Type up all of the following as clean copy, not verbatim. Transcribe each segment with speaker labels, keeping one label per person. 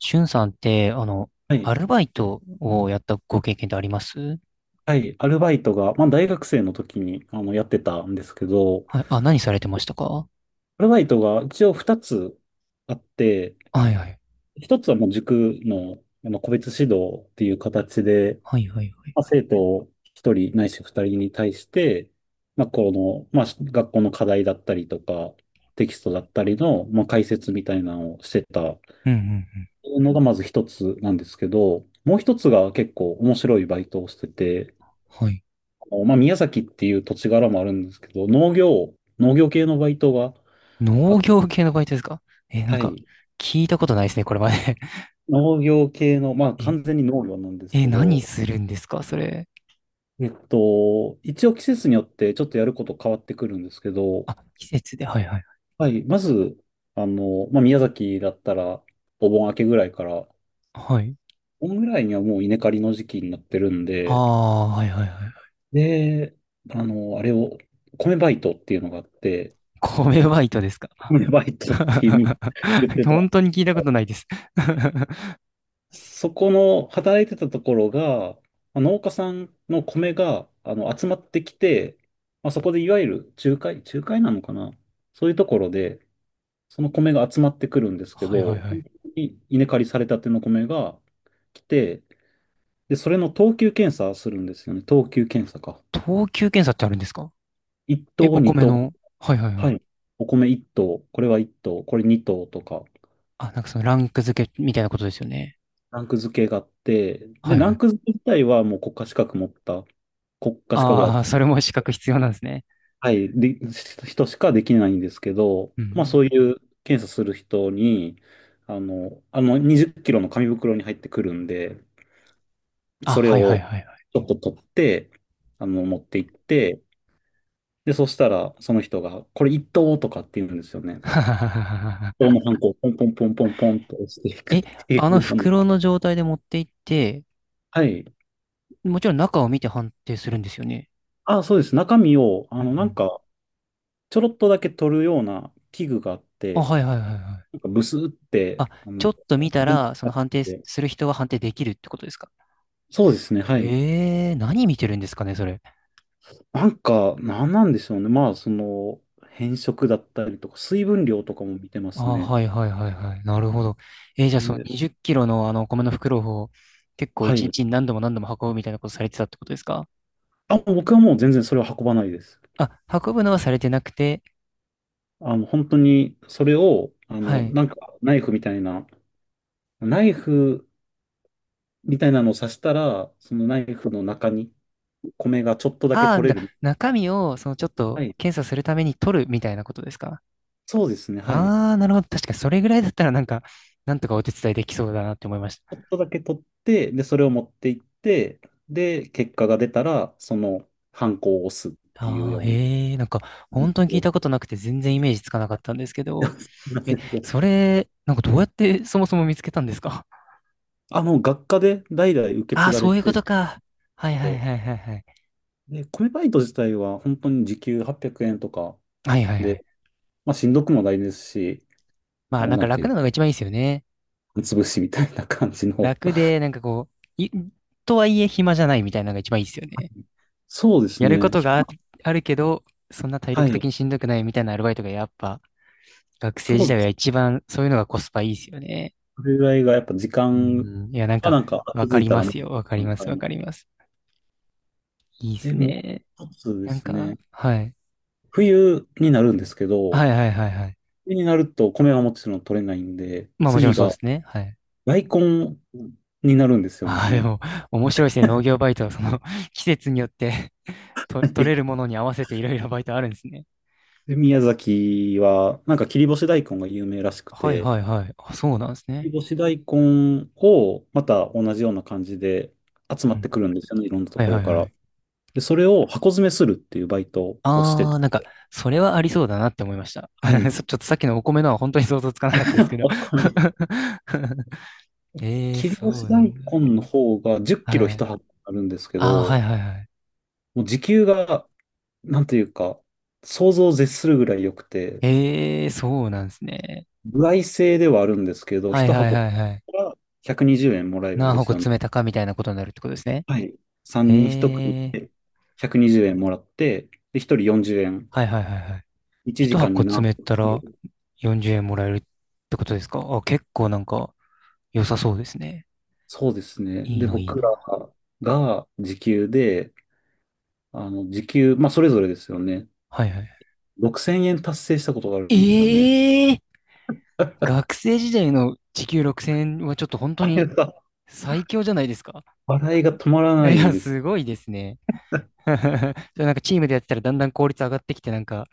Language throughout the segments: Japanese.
Speaker 1: しゅんさんって、
Speaker 2: はい。
Speaker 1: アルバイトをやったご経験ってあります？
Speaker 2: はい。アルバイトが、大学生の時に、やってたんですけど、
Speaker 1: はい。あ、何されてましたか？は
Speaker 2: アルバイトが一応二つあって、
Speaker 1: いはい。
Speaker 2: 一つはもう塾の、個別指導っていう形で、
Speaker 1: はいはいはい。
Speaker 2: 生徒一人ないし二人に対して、まあ、この、まあ、学校の課題だったりとか、テキストだったりの、解説みたいなのをしてた
Speaker 1: うんうんうん。
Speaker 2: のがまず一つなんですけど、もう一つが結構面白いバイトをしてて、
Speaker 1: はい。
Speaker 2: 宮崎っていう土地柄もあるんですけど、農業系のバイトが、
Speaker 1: 農
Speaker 2: あ、
Speaker 1: 業系のバイトですか？え、なん
Speaker 2: は
Speaker 1: か、
Speaker 2: い。
Speaker 1: 聞いたことないですね、これまで。
Speaker 2: 農業系の、
Speaker 1: え、
Speaker 2: 完全に農業なんです
Speaker 1: え、
Speaker 2: け
Speaker 1: 何
Speaker 2: ど、
Speaker 1: するんですかそれ。
Speaker 2: 一応季節によってちょっとやること変わってくるんですけど、
Speaker 1: あ、季節で。はいはい。
Speaker 2: はい。まず、宮崎だったら、お盆明けぐらいから、
Speaker 1: はい。
Speaker 2: お盆ぐらいにはもう稲刈りの時期になってるん
Speaker 1: あ
Speaker 2: で、
Speaker 1: あ、はいはいはい。
Speaker 2: で、あれを、米バイトっていうのがあって、
Speaker 1: 米バイトですか？
Speaker 2: 米バイトっていう意味 言ってた。
Speaker 1: 本当に聞いたことないです。
Speaker 2: そこの働いてたところが、農家さんの米が集まってきて、そこでいわゆる仲介、仲介なのかな、そういうところで、その米が集まってくるんですけ
Speaker 1: はいはい
Speaker 2: ど、
Speaker 1: は
Speaker 2: 本
Speaker 1: い。
Speaker 2: 当に稲刈りされたての米が来て、で、それの等級検査するんですよね。等級検査か。
Speaker 1: 等級検査ってあるんですか？え、
Speaker 2: 1等、
Speaker 1: お米
Speaker 2: 2等。
Speaker 1: の。はいはいは
Speaker 2: は
Speaker 1: い。
Speaker 2: い。お米1等、これは1等、これ2等とか、
Speaker 1: あ、なんかそのランク付けみたいなことですよね。
Speaker 2: ランク付けがあって、で、
Speaker 1: はい
Speaker 2: ラ
Speaker 1: は
Speaker 2: ン
Speaker 1: い。
Speaker 2: ク付け自体はもう国家資格持った、国家資格だ、
Speaker 1: ああ、それも資格必要なんですね。
Speaker 2: はい、で、人しかできないんですけど、
Speaker 1: うん。
Speaker 2: そういう検査する人に、あの20キロの紙袋に入ってくるんで、
Speaker 1: あ、
Speaker 2: それ
Speaker 1: はいはい
Speaker 2: を
Speaker 1: はいは
Speaker 2: ちょっと取って、持って行って、で、そしたらその人が、これ一等とかって言うんですよね。等のハンコをポンポンポンポンポンと押してい
Speaker 1: い。
Speaker 2: くっ
Speaker 1: え、
Speaker 2: てい
Speaker 1: あ
Speaker 2: う
Speaker 1: の
Speaker 2: ような。
Speaker 1: 袋の状態で持って行って、
Speaker 2: はい。
Speaker 1: もちろん中を見て判定するんですよね？
Speaker 2: あ、そうです。中身を、
Speaker 1: うんうん。
Speaker 2: ちょろっとだけ取るような器具があっ
Speaker 1: あ、
Speaker 2: て、
Speaker 1: はいはいはいは
Speaker 2: な
Speaker 1: い。
Speaker 2: んかブスって、
Speaker 1: あ、ちょっと見た ら、その判定する人は判定できるってことですか？
Speaker 2: そうですね、はい。
Speaker 1: えー、何見てるんですかね、それ。
Speaker 2: なんか、なんなんでしょうね。変色だったりとか、水分量とかも見てま
Speaker 1: あ、
Speaker 2: すね。
Speaker 1: はいはいはいはい。なるほど。えーじゃあその
Speaker 2: ね。
Speaker 1: 20キロのあのお米の袋を結構
Speaker 2: は
Speaker 1: 一日
Speaker 2: い。
Speaker 1: に何度も何度も運ぶみたいなことされてたってことですか？
Speaker 2: あ、もう僕はもう全然それは運ばないです。
Speaker 1: あ、運ぶのはされてなくて、
Speaker 2: 本当に、それを、
Speaker 1: はい。
Speaker 2: ナイフみたいな、ナイフみたいなのを刺したら、そのナイフの中に米がちょっとだけ
Speaker 1: ああ、
Speaker 2: 取れ
Speaker 1: だ、
Speaker 2: る。
Speaker 1: 中身を、そのちょっと
Speaker 2: はい。
Speaker 1: 検査するために取るみたいなことですか？
Speaker 2: そうですね。はい。ち
Speaker 1: ああー、なるほど。確かにそれぐらいだったらなんか、なんとかお手伝いできそうだなって思いまし
Speaker 2: ょ
Speaker 1: た。
Speaker 2: っとだけ取って、で、それを持っていって、で、結果が出たら、ハンコを押すっていう
Speaker 1: ああ、
Speaker 2: ように。
Speaker 1: ええ、なんか、本当に聞い たことなくて全然イメージつかなかったんですけど、
Speaker 2: すいま
Speaker 1: え、
Speaker 2: せん。
Speaker 1: それ、なんかどうやってそもそも見つけたんですか？
Speaker 2: あ、もう学科で代々受け
Speaker 1: あ
Speaker 2: 継
Speaker 1: あー、
Speaker 2: がれ
Speaker 1: そういうこ
Speaker 2: て
Speaker 1: とか。はいはい
Speaker 2: て、
Speaker 1: はいはいはい。
Speaker 2: で、米バイト自体は本当に時給800円とか
Speaker 1: はいはいは
Speaker 2: で、
Speaker 1: い。
Speaker 2: しんどくもないですし、
Speaker 1: まあなん
Speaker 2: な
Speaker 1: か
Speaker 2: んてい
Speaker 1: 楽
Speaker 2: う
Speaker 1: な
Speaker 2: か、
Speaker 1: のが一番いいですよね。
Speaker 2: 潰しみたいな感じの。
Speaker 1: 楽で、なんかこう、い、とはいえ暇じゃないみたいなのが一番いいですよね。
Speaker 2: そうです
Speaker 1: やるこ
Speaker 2: ね。
Speaker 1: と
Speaker 2: ひ
Speaker 1: があ、
Speaker 2: ま。
Speaker 1: あるけど、そんな体
Speaker 2: は
Speaker 1: 力的
Speaker 2: い。
Speaker 1: にしんどくないみたいなアルバイトがやっぱ学生
Speaker 2: そ
Speaker 1: 時
Speaker 2: うで
Speaker 1: 代は
Speaker 2: す。
Speaker 1: 一番そういうのがコスパいいですよね。
Speaker 2: それぐらいがやっぱ時
Speaker 1: う
Speaker 2: 間
Speaker 1: ん。いや、なん
Speaker 2: は
Speaker 1: か、
Speaker 2: なんか
Speaker 1: わ
Speaker 2: 気づ
Speaker 1: か
Speaker 2: い
Speaker 1: り
Speaker 2: た
Speaker 1: ま
Speaker 2: らもう、
Speaker 1: すよ。わか
Speaker 2: あ
Speaker 1: り
Speaker 2: の
Speaker 1: ま
Speaker 2: タ
Speaker 1: す。
Speaker 2: イ
Speaker 1: わ
Speaker 2: ミン
Speaker 1: か
Speaker 2: グ
Speaker 1: ります。いいで
Speaker 2: で、
Speaker 1: す
Speaker 2: もう
Speaker 1: ね。
Speaker 2: 一つで
Speaker 1: なん
Speaker 2: す
Speaker 1: か、
Speaker 2: ね。
Speaker 1: はい。
Speaker 2: 冬になるんですけど、
Speaker 1: はいはいはいはい。
Speaker 2: 冬になると米はもちろん取れないんで、
Speaker 1: まあもちろ
Speaker 2: 次
Speaker 1: んそうで
Speaker 2: が
Speaker 1: すね。はい。
Speaker 2: 大根になるんですよ
Speaker 1: ああ、で
Speaker 2: ね。
Speaker 1: も、面白いですね。農業バイトはその 季節によって と、取れるも のに合わせていろいろバイトあるんですね。
Speaker 2: で、宮崎は、なんか切り干し大根が有名らしく
Speaker 1: はい
Speaker 2: て、
Speaker 1: はいはい。あ、そうなんです
Speaker 2: 切
Speaker 1: ね。
Speaker 2: り干し大根をまた同じような感じで集ま
Speaker 1: う
Speaker 2: っ
Speaker 1: ん。
Speaker 2: てくるんですよね、いろんなと
Speaker 1: はい
Speaker 2: こ
Speaker 1: は
Speaker 2: ろ
Speaker 1: い
Speaker 2: か
Speaker 1: は
Speaker 2: ら。
Speaker 1: い。
Speaker 2: で、それを箱詰めするっていうバイトをして
Speaker 1: あ
Speaker 2: て、
Speaker 1: あ、なんか、それはありそうだなって思いました。
Speaker 2: は い。
Speaker 1: そちょっとさっきのお米のは本当に想像つかなかったですけど。
Speaker 2: あ、これ、
Speaker 1: ええー、
Speaker 2: 切り
Speaker 1: そ
Speaker 2: 干し
Speaker 1: うな
Speaker 2: 大
Speaker 1: ん
Speaker 2: 根の方が10
Speaker 1: だ。
Speaker 2: キロ
Speaker 1: は
Speaker 2: 一
Speaker 1: い。
Speaker 2: 箱あるんですけ
Speaker 1: ああ、は
Speaker 2: ど、
Speaker 1: いはいはい。
Speaker 2: もう時給が、なんというか、想像を絶するぐらい良くて、
Speaker 1: ええー、そうなんですね。
Speaker 2: 歩合制ではあるんですけど、
Speaker 1: はい
Speaker 2: 一
Speaker 1: はい
Speaker 2: 箱
Speaker 1: はいはい。
Speaker 2: が120円もらえるん
Speaker 1: 何
Speaker 2: です
Speaker 1: 箱
Speaker 2: よね。
Speaker 1: 詰めたかみたいなことになるってことですね。
Speaker 2: はい。
Speaker 1: え
Speaker 2: 3人1
Speaker 1: え
Speaker 2: 組
Speaker 1: ー、
Speaker 2: で120円もらって、で、1人40円。
Speaker 1: はいはいはいはい。
Speaker 2: 1
Speaker 1: 一
Speaker 2: 時間に
Speaker 1: 箱
Speaker 2: 何
Speaker 1: 詰め
Speaker 2: 個
Speaker 1: た
Speaker 2: 作れ
Speaker 1: ら
Speaker 2: る。
Speaker 1: 40円もらえるってことですか？あ、結構なんか良さそうですね。
Speaker 2: そうですね。
Speaker 1: いい
Speaker 2: で、
Speaker 1: な、いい
Speaker 2: 僕ら
Speaker 1: な。
Speaker 2: が時給で、時給、まあ、それぞれですよね。
Speaker 1: はいはい。
Speaker 2: 6000円達成したことがあるんですよね。
Speaker 1: え、 学生時代の時給6000円はちょっと本当
Speaker 2: あれ
Speaker 1: に
Speaker 2: が、
Speaker 1: 最強じゃないですか。
Speaker 2: 笑いが止まら
Speaker 1: い
Speaker 2: ない
Speaker 1: や、
Speaker 2: です。
Speaker 1: すごいですね。じゃあなんかチームでやってたらだんだん効率上がってきて、なんか、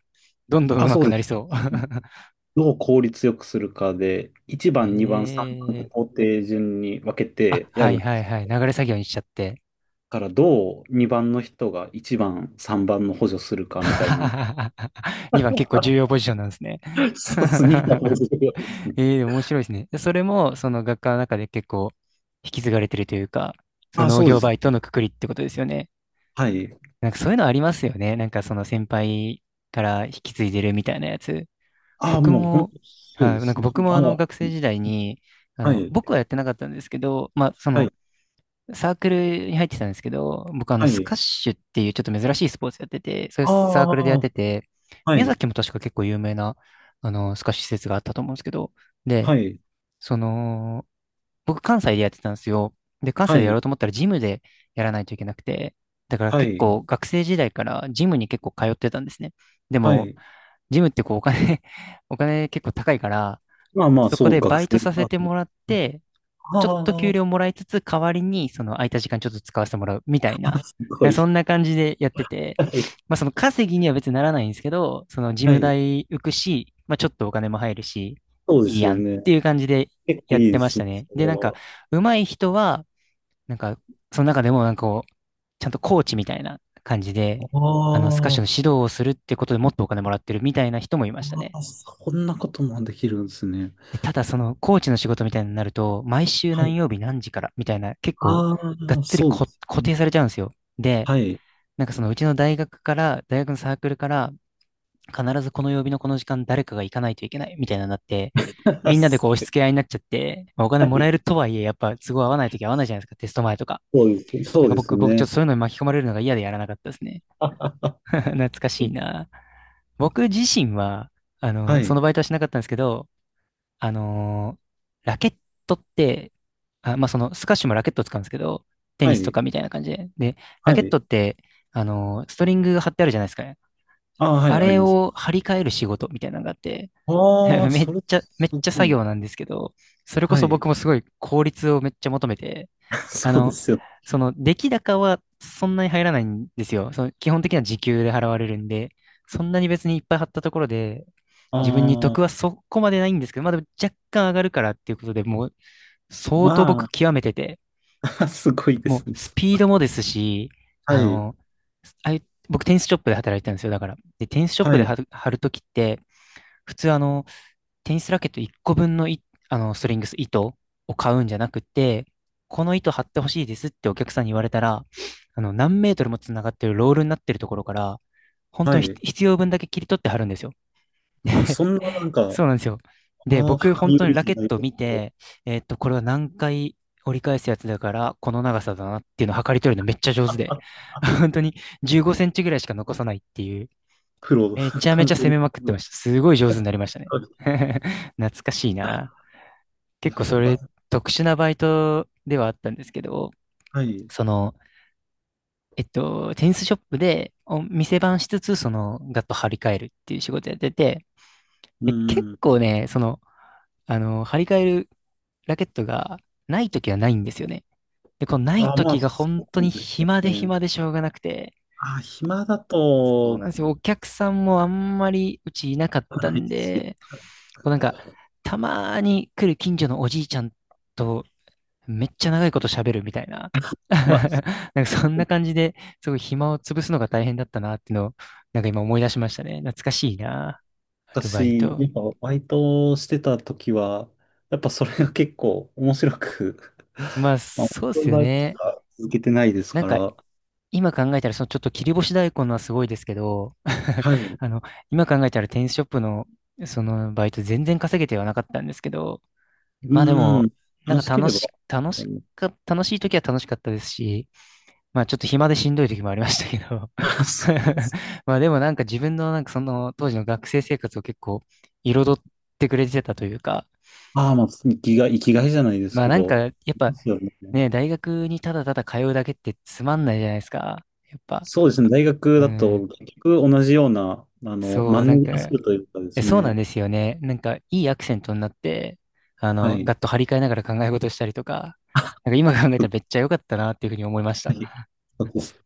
Speaker 1: どんどん
Speaker 2: あ、
Speaker 1: 上手
Speaker 2: そ
Speaker 1: く
Speaker 2: う
Speaker 1: な
Speaker 2: で
Speaker 1: り
Speaker 2: す。
Speaker 1: そう。
Speaker 2: どう効率よくするかで、1番、2番、3番って
Speaker 1: え
Speaker 2: 工
Speaker 1: え、
Speaker 2: 程順に分け
Speaker 1: あ、
Speaker 2: てや
Speaker 1: は
Speaker 2: る
Speaker 1: い
Speaker 2: んで
Speaker 1: はい
Speaker 2: す。だ
Speaker 1: はい。流れ作業にしちゃって。
Speaker 2: から、どう2番の人が1番、3番の補助するかみたいな。
Speaker 1: 2番結構重要ポジションなんですね。
Speaker 2: そうですね。250ですね。
Speaker 1: ええでも面白いですね。でそれも、その学科の中で結構引き継がれてるというか、そ
Speaker 2: あ、
Speaker 1: の農
Speaker 2: そうで
Speaker 1: 業
Speaker 2: す。
Speaker 1: バイトのくくりってことですよね。
Speaker 2: はい。
Speaker 1: なんかそういうのありますよね。なんかその先輩から引き継いでるみたいなやつ。
Speaker 2: あ、
Speaker 1: 僕
Speaker 2: もう本
Speaker 1: も、
Speaker 2: 当、そう
Speaker 1: はい、
Speaker 2: で
Speaker 1: なん
Speaker 2: す
Speaker 1: か
Speaker 2: ね。
Speaker 1: 僕も
Speaker 2: あ、
Speaker 1: 学生時代に、
Speaker 2: はい、
Speaker 1: 僕はやってなかったんですけど、まあそ
Speaker 2: は
Speaker 1: の
Speaker 2: い、
Speaker 1: サークルに入ってたんですけど、僕あの
Speaker 2: は
Speaker 1: ス
Speaker 2: い。
Speaker 1: カッシュっていうちょっと珍しいスポーツやってて、そういう
Speaker 2: あ
Speaker 1: サークルでやって
Speaker 2: あ、
Speaker 1: て、
Speaker 2: は
Speaker 1: 宮
Speaker 2: い、
Speaker 1: 崎も確か結構有名なあのスカッシュ施設があったと思うんですけど、
Speaker 2: は
Speaker 1: で、
Speaker 2: い、
Speaker 1: その、僕関西でやってたんですよ。で、関
Speaker 2: は
Speaker 1: 西でやろ
Speaker 2: い、
Speaker 1: うと思ったらジムでやらないといけなくて、だから
Speaker 2: は
Speaker 1: 結
Speaker 2: い、
Speaker 1: 構学生時代からジムに結構通ってたんですね。で
Speaker 2: は
Speaker 1: も、
Speaker 2: い。
Speaker 1: ジムってこうお金 お金結構高いから、
Speaker 2: まあまあ、
Speaker 1: そこ
Speaker 2: そう、
Speaker 1: で
Speaker 2: 学
Speaker 1: バイト
Speaker 2: 生
Speaker 1: さ
Speaker 2: パ
Speaker 1: せ
Speaker 2: は
Speaker 1: てもらって、
Speaker 2: あ
Speaker 1: ちょっと
Speaker 2: あ、
Speaker 1: 給
Speaker 2: あ。
Speaker 1: 料もらいつつ、代わりにその空いた時間ちょっと使わせてもらうみたいな、
Speaker 2: すご
Speaker 1: そ
Speaker 2: い。
Speaker 1: んな感じでやってて、
Speaker 2: はい、
Speaker 1: まあその稼ぎには別にならないんですけど、その事
Speaker 2: は
Speaker 1: 務
Speaker 2: い。
Speaker 1: 代浮くし、まあちょっとお金も入るし、
Speaker 2: そうで
Speaker 1: いい
Speaker 2: すよ
Speaker 1: やんっ
Speaker 2: ね。
Speaker 1: ていう感じで
Speaker 2: 結構
Speaker 1: やっ
Speaker 2: いい
Speaker 1: て
Speaker 2: で
Speaker 1: まし
Speaker 2: す
Speaker 1: た
Speaker 2: ね、
Speaker 1: ね。
Speaker 2: そ
Speaker 1: で、
Speaker 2: れ
Speaker 1: なんか、
Speaker 2: は。
Speaker 1: 上手い人は、なんか、その中でもなんかこう、ちゃんとコーチみたいな感じで、
Speaker 2: あ
Speaker 1: スカッシュの
Speaker 2: あ、
Speaker 1: 指導をするってことでもっとお金もらってるみたいな人もいましたね。
Speaker 2: ああ、そんなこともできるんですね。
Speaker 1: で、ただそのコーチの仕事みたいになると、毎週
Speaker 2: は
Speaker 1: 何
Speaker 2: い。
Speaker 1: 曜日何時からみたいな、結構
Speaker 2: あ
Speaker 1: がっ
Speaker 2: あ、
Speaker 1: つり
Speaker 2: そうで
Speaker 1: こ
Speaker 2: す
Speaker 1: 固
Speaker 2: ね。
Speaker 1: 定されちゃうんですよ。で、
Speaker 2: はい。
Speaker 1: なんかそのうちの大学から、大学のサークルから、必ずこの曜日のこの時間誰かが行かないといけないみたいなのになって、みんなでこう
Speaker 2: そ
Speaker 1: 押し
Speaker 2: れ、
Speaker 1: 付け合いになっちゃって、まあお金
Speaker 2: は
Speaker 1: もら
Speaker 2: い。
Speaker 1: えるとはいえ、やっぱ都合合わないとき合わないじゃないですか、テスト前とか。
Speaker 2: そうです。そ
Speaker 1: なん
Speaker 2: う
Speaker 1: か
Speaker 2: です
Speaker 1: 僕、僕ちょっ
Speaker 2: ね。
Speaker 1: とそういうのに巻き込まれるのが嫌でやらなかったですね。懐かしいな。僕自身は、
Speaker 2: は
Speaker 1: そ
Speaker 2: い。
Speaker 1: のバイトはしなかったんですけど、あのーラケットって、あ、まあ、その、スカッシュもラケットを使うんですけど、テ
Speaker 2: は
Speaker 1: ニスと
Speaker 2: い。
Speaker 1: かみたいな感じで。で、ラ
Speaker 2: は
Speaker 1: ケッ
Speaker 2: い。
Speaker 1: トって、ストリングが貼ってあるじゃないですかね。
Speaker 2: ああ、は
Speaker 1: あ
Speaker 2: い、あり
Speaker 1: れ
Speaker 2: ます。
Speaker 1: を張り替える仕事みたいなのがあって、
Speaker 2: あ あ、
Speaker 1: めっ
Speaker 2: それ、
Speaker 1: ちゃ、めっ
Speaker 2: す
Speaker 1: ちゃ
Speaker 2: ご
Speaker 1: 作
Speaker 2: い。
Speaker 1: 業なんですけど、それこ
Speaker 2: は
Speaker 1: そ
Speaker 2: い。
Speaker 1: 僕もすごい効率をめっちゃ求めて、あ
Speaker 2: そうで
Speaker 1: の、
Speaker 2: すよ。
Speaker 1: その出来高はそんなに入らないんですよ。その基本的には時給で払われるんで、そんなに別にいっぱい貼ったところで、
Speaker 2: あ
Speaker 1: 自分に得は
Speaker 2: あ、
Speaker 1: そこまでないんですけど、まあでも若干上がるからっていうことでもう相当
Speaker 2: ま
Speaker 1: 僕極めてて、
Speaker 2: すごいで
Speaker 1: も
Speaker 2: すね。
Speaker 1: うスピードもですし、
Speaker 2: は
Speaker 1: あ
Speaker 2: い。
Speaker 1: の、ああいう僕テニスショップで働いてたんですよ、だから。で、テニスショッ
Speaker 2: は
Speaker 1: プで
Speaker 2: い。
Speaker 1: 貼る、貼るときって、普通テニスラケット1個分のい、ストリングス、糸を買うんじゃなくて、この糸貼ってほしいですってお客さんに言われたら、何メートルも繋がってるロールになってるところから、本当
Speaker 2: は
Speaker 1: にひ
Speaker 2: い。
Speaker 1: 必要分だけ切り取って貼るんですよ。
Speaker 2: あ、そ んな、なんか、
Speaker 1: そうなんですよ。で、
Speaker 2: ああ、
Speaker 1: 僕、本
Speaker 2: 量りよ
Speaker 1: 当
Speaker 2: り
Speaker 1: にラ
Speaker 2: じゃ
Speaker 1: ケッ
Speaker 2: ない
Speaker 1: トを
Speaker 2: です
Speaker 1: 見
Speaker 2: けど。
Speaker 1: て、えーっと、これは何回折り返すやつだから、この長さだなっていうのを測り取るのめっちゃ 上手
Speaker 2: あ、
Speaker 1: で、
Speaker 2: あ、
Speaker 1: 本当に15センチぐらいしか残さないっていう、
Speaker 2: 黒、
Speaker 1: めち ゃめ
Speaker 2: 完
Speaker 1: ちゃ
Speaker 2: 全
Speaker 1: 攻
Speaker 2: に
Speaker 1: めまくって
Speaker 2: 黒。
Speaker 1: ました。すごい上手になりましたね。懐かしいな。
Speaker 2: や
Speaker 1: 結構
Speaker 2: っ
Speaker 1: そ
Speaker 2: ぱ、
Speaker 1: れ、特殊なバイトではあったんですけど、
Speaker 2: はい。
Speaker 1: その、えっと、テニスショップでお店番しつつ、その、ガッと張り替えるっていう仕事やってて、
Speaker 2: う
Speaker 1: で、結
Speaker 2: ん。
Speaker 1: 構ね、その、張り替えるラケットがないときはないんですよね。で、このない
Speaker 2: あ、
Speaker 1: ときが本
Speaker 2: そ
Speaker 1: 当に
Speaker 2: うです
Speaker 1: 暇
Speaker 2: よ
Speaker 1: で
Speaker 2: ね。
Speaker 1: 暇でしょうがなくて、
Speaker 2: あ、暇だ
Speaker 1: そう
Speaker 2: と、
Speaker 1: なんですよ。お客さんもあんまりうちいなかった
Speaker 2: ない
Speaker 1: ん
Speaker 2: し。
Speaker 1: で、こうなんか、たまーに来る近所のおじいちゃんとめっちゃ長いこと喋るみたいな。
Speaker 2: まあ、
Speaker 1: なんかそんな感じで、すごい暇を潰すのが大変だったなっていうのを、なんか今思い出しましたね。懐かしいな、アルバイ
Speaker 2: 私、
Speaker 1: ト。
Speaker 2: やっぱバイトしてた時は、やっぱそれが結構面白く。
Speaker 1: まあ、
Speaker 2: 面
Speaker 1: そうっ
Speaker 2: 白い
Speaker 1: すよ
Speaker 2: バイトし
Speaker 1: ね。
Speaker 2: か続けてないです
Speaker 1: なん
Speaker 2: か
Speaker 1: か、
Speaker 2: ら、
Speaker 1: 今考えたら、そのちょっと切り干し大根のはすごいですけど、
Speaker 2: はい。う
Speaker 1: あの、今考えたらテニスショップの、そのバイト全然稼げてはなかったんですけど、まあで
Speaker 2: ー
Speaker 1: も、
Speaker 2: ん、
Speaker 1: な
Speaker 2: 楽
Speaker 1: ん
Speaker 2: し
Speaker 1: か
Speaker 2: け
Speaker 1: 楽
Speaker 2: れば、
Speaker 1: し、楽
Speaker 2: あ
Speaker 1: し
Speaker 2: の
Speaker 1: か、楽しい時は楽しかったですし、まあちょっと暇でしんどい時もありましたけど、
Speaker 2: そう。
Speaker 1: まあでもなんか自分のなんかその当時の学生生活を結構彩ってくれてたというか、
Speaker 2: ああ、生きがい、生きがいじゃないです
Speaker 1: まあ
Speaker 2: け
Speaker 1: なんか
Speaker 2: ど、
Speaker 1: やっ
Speaker 2: で
Speaker 1: ぱ
Speaker 2: すよね。
Speaker 1: ね、大学にただただ通うだけってつまんないじゃないですか。やっぱ。
Speaker 2: そうですね、大学
Speaker 1: う
Speaker 2: だ
Speaker 1: ん。
Speaker 2: と結局同じような、
Speaker 1: そ
Speaker 2: マ
Speaker 1: う、
Speaker 2: ン
Speaker 1: なん
Speaker 2: ネリ化す
Speaker 1: か、
Speaker 2: るというかで
Speaker 1: え、
Speaker 2: す
Speaker 1: そうなん
Speaker 2: ね、
Speaker 1: ですよね。なんか、いいアクセントになって、
Speaker 2: はい。
Speaker 1: ガッと張り替えながら考え事したりとか、なんか今考えたらめっちゃ良かったなっていうふうに思いまし
Speaker 2: は
Speaker 1: た。
Speaker 2: い、そうです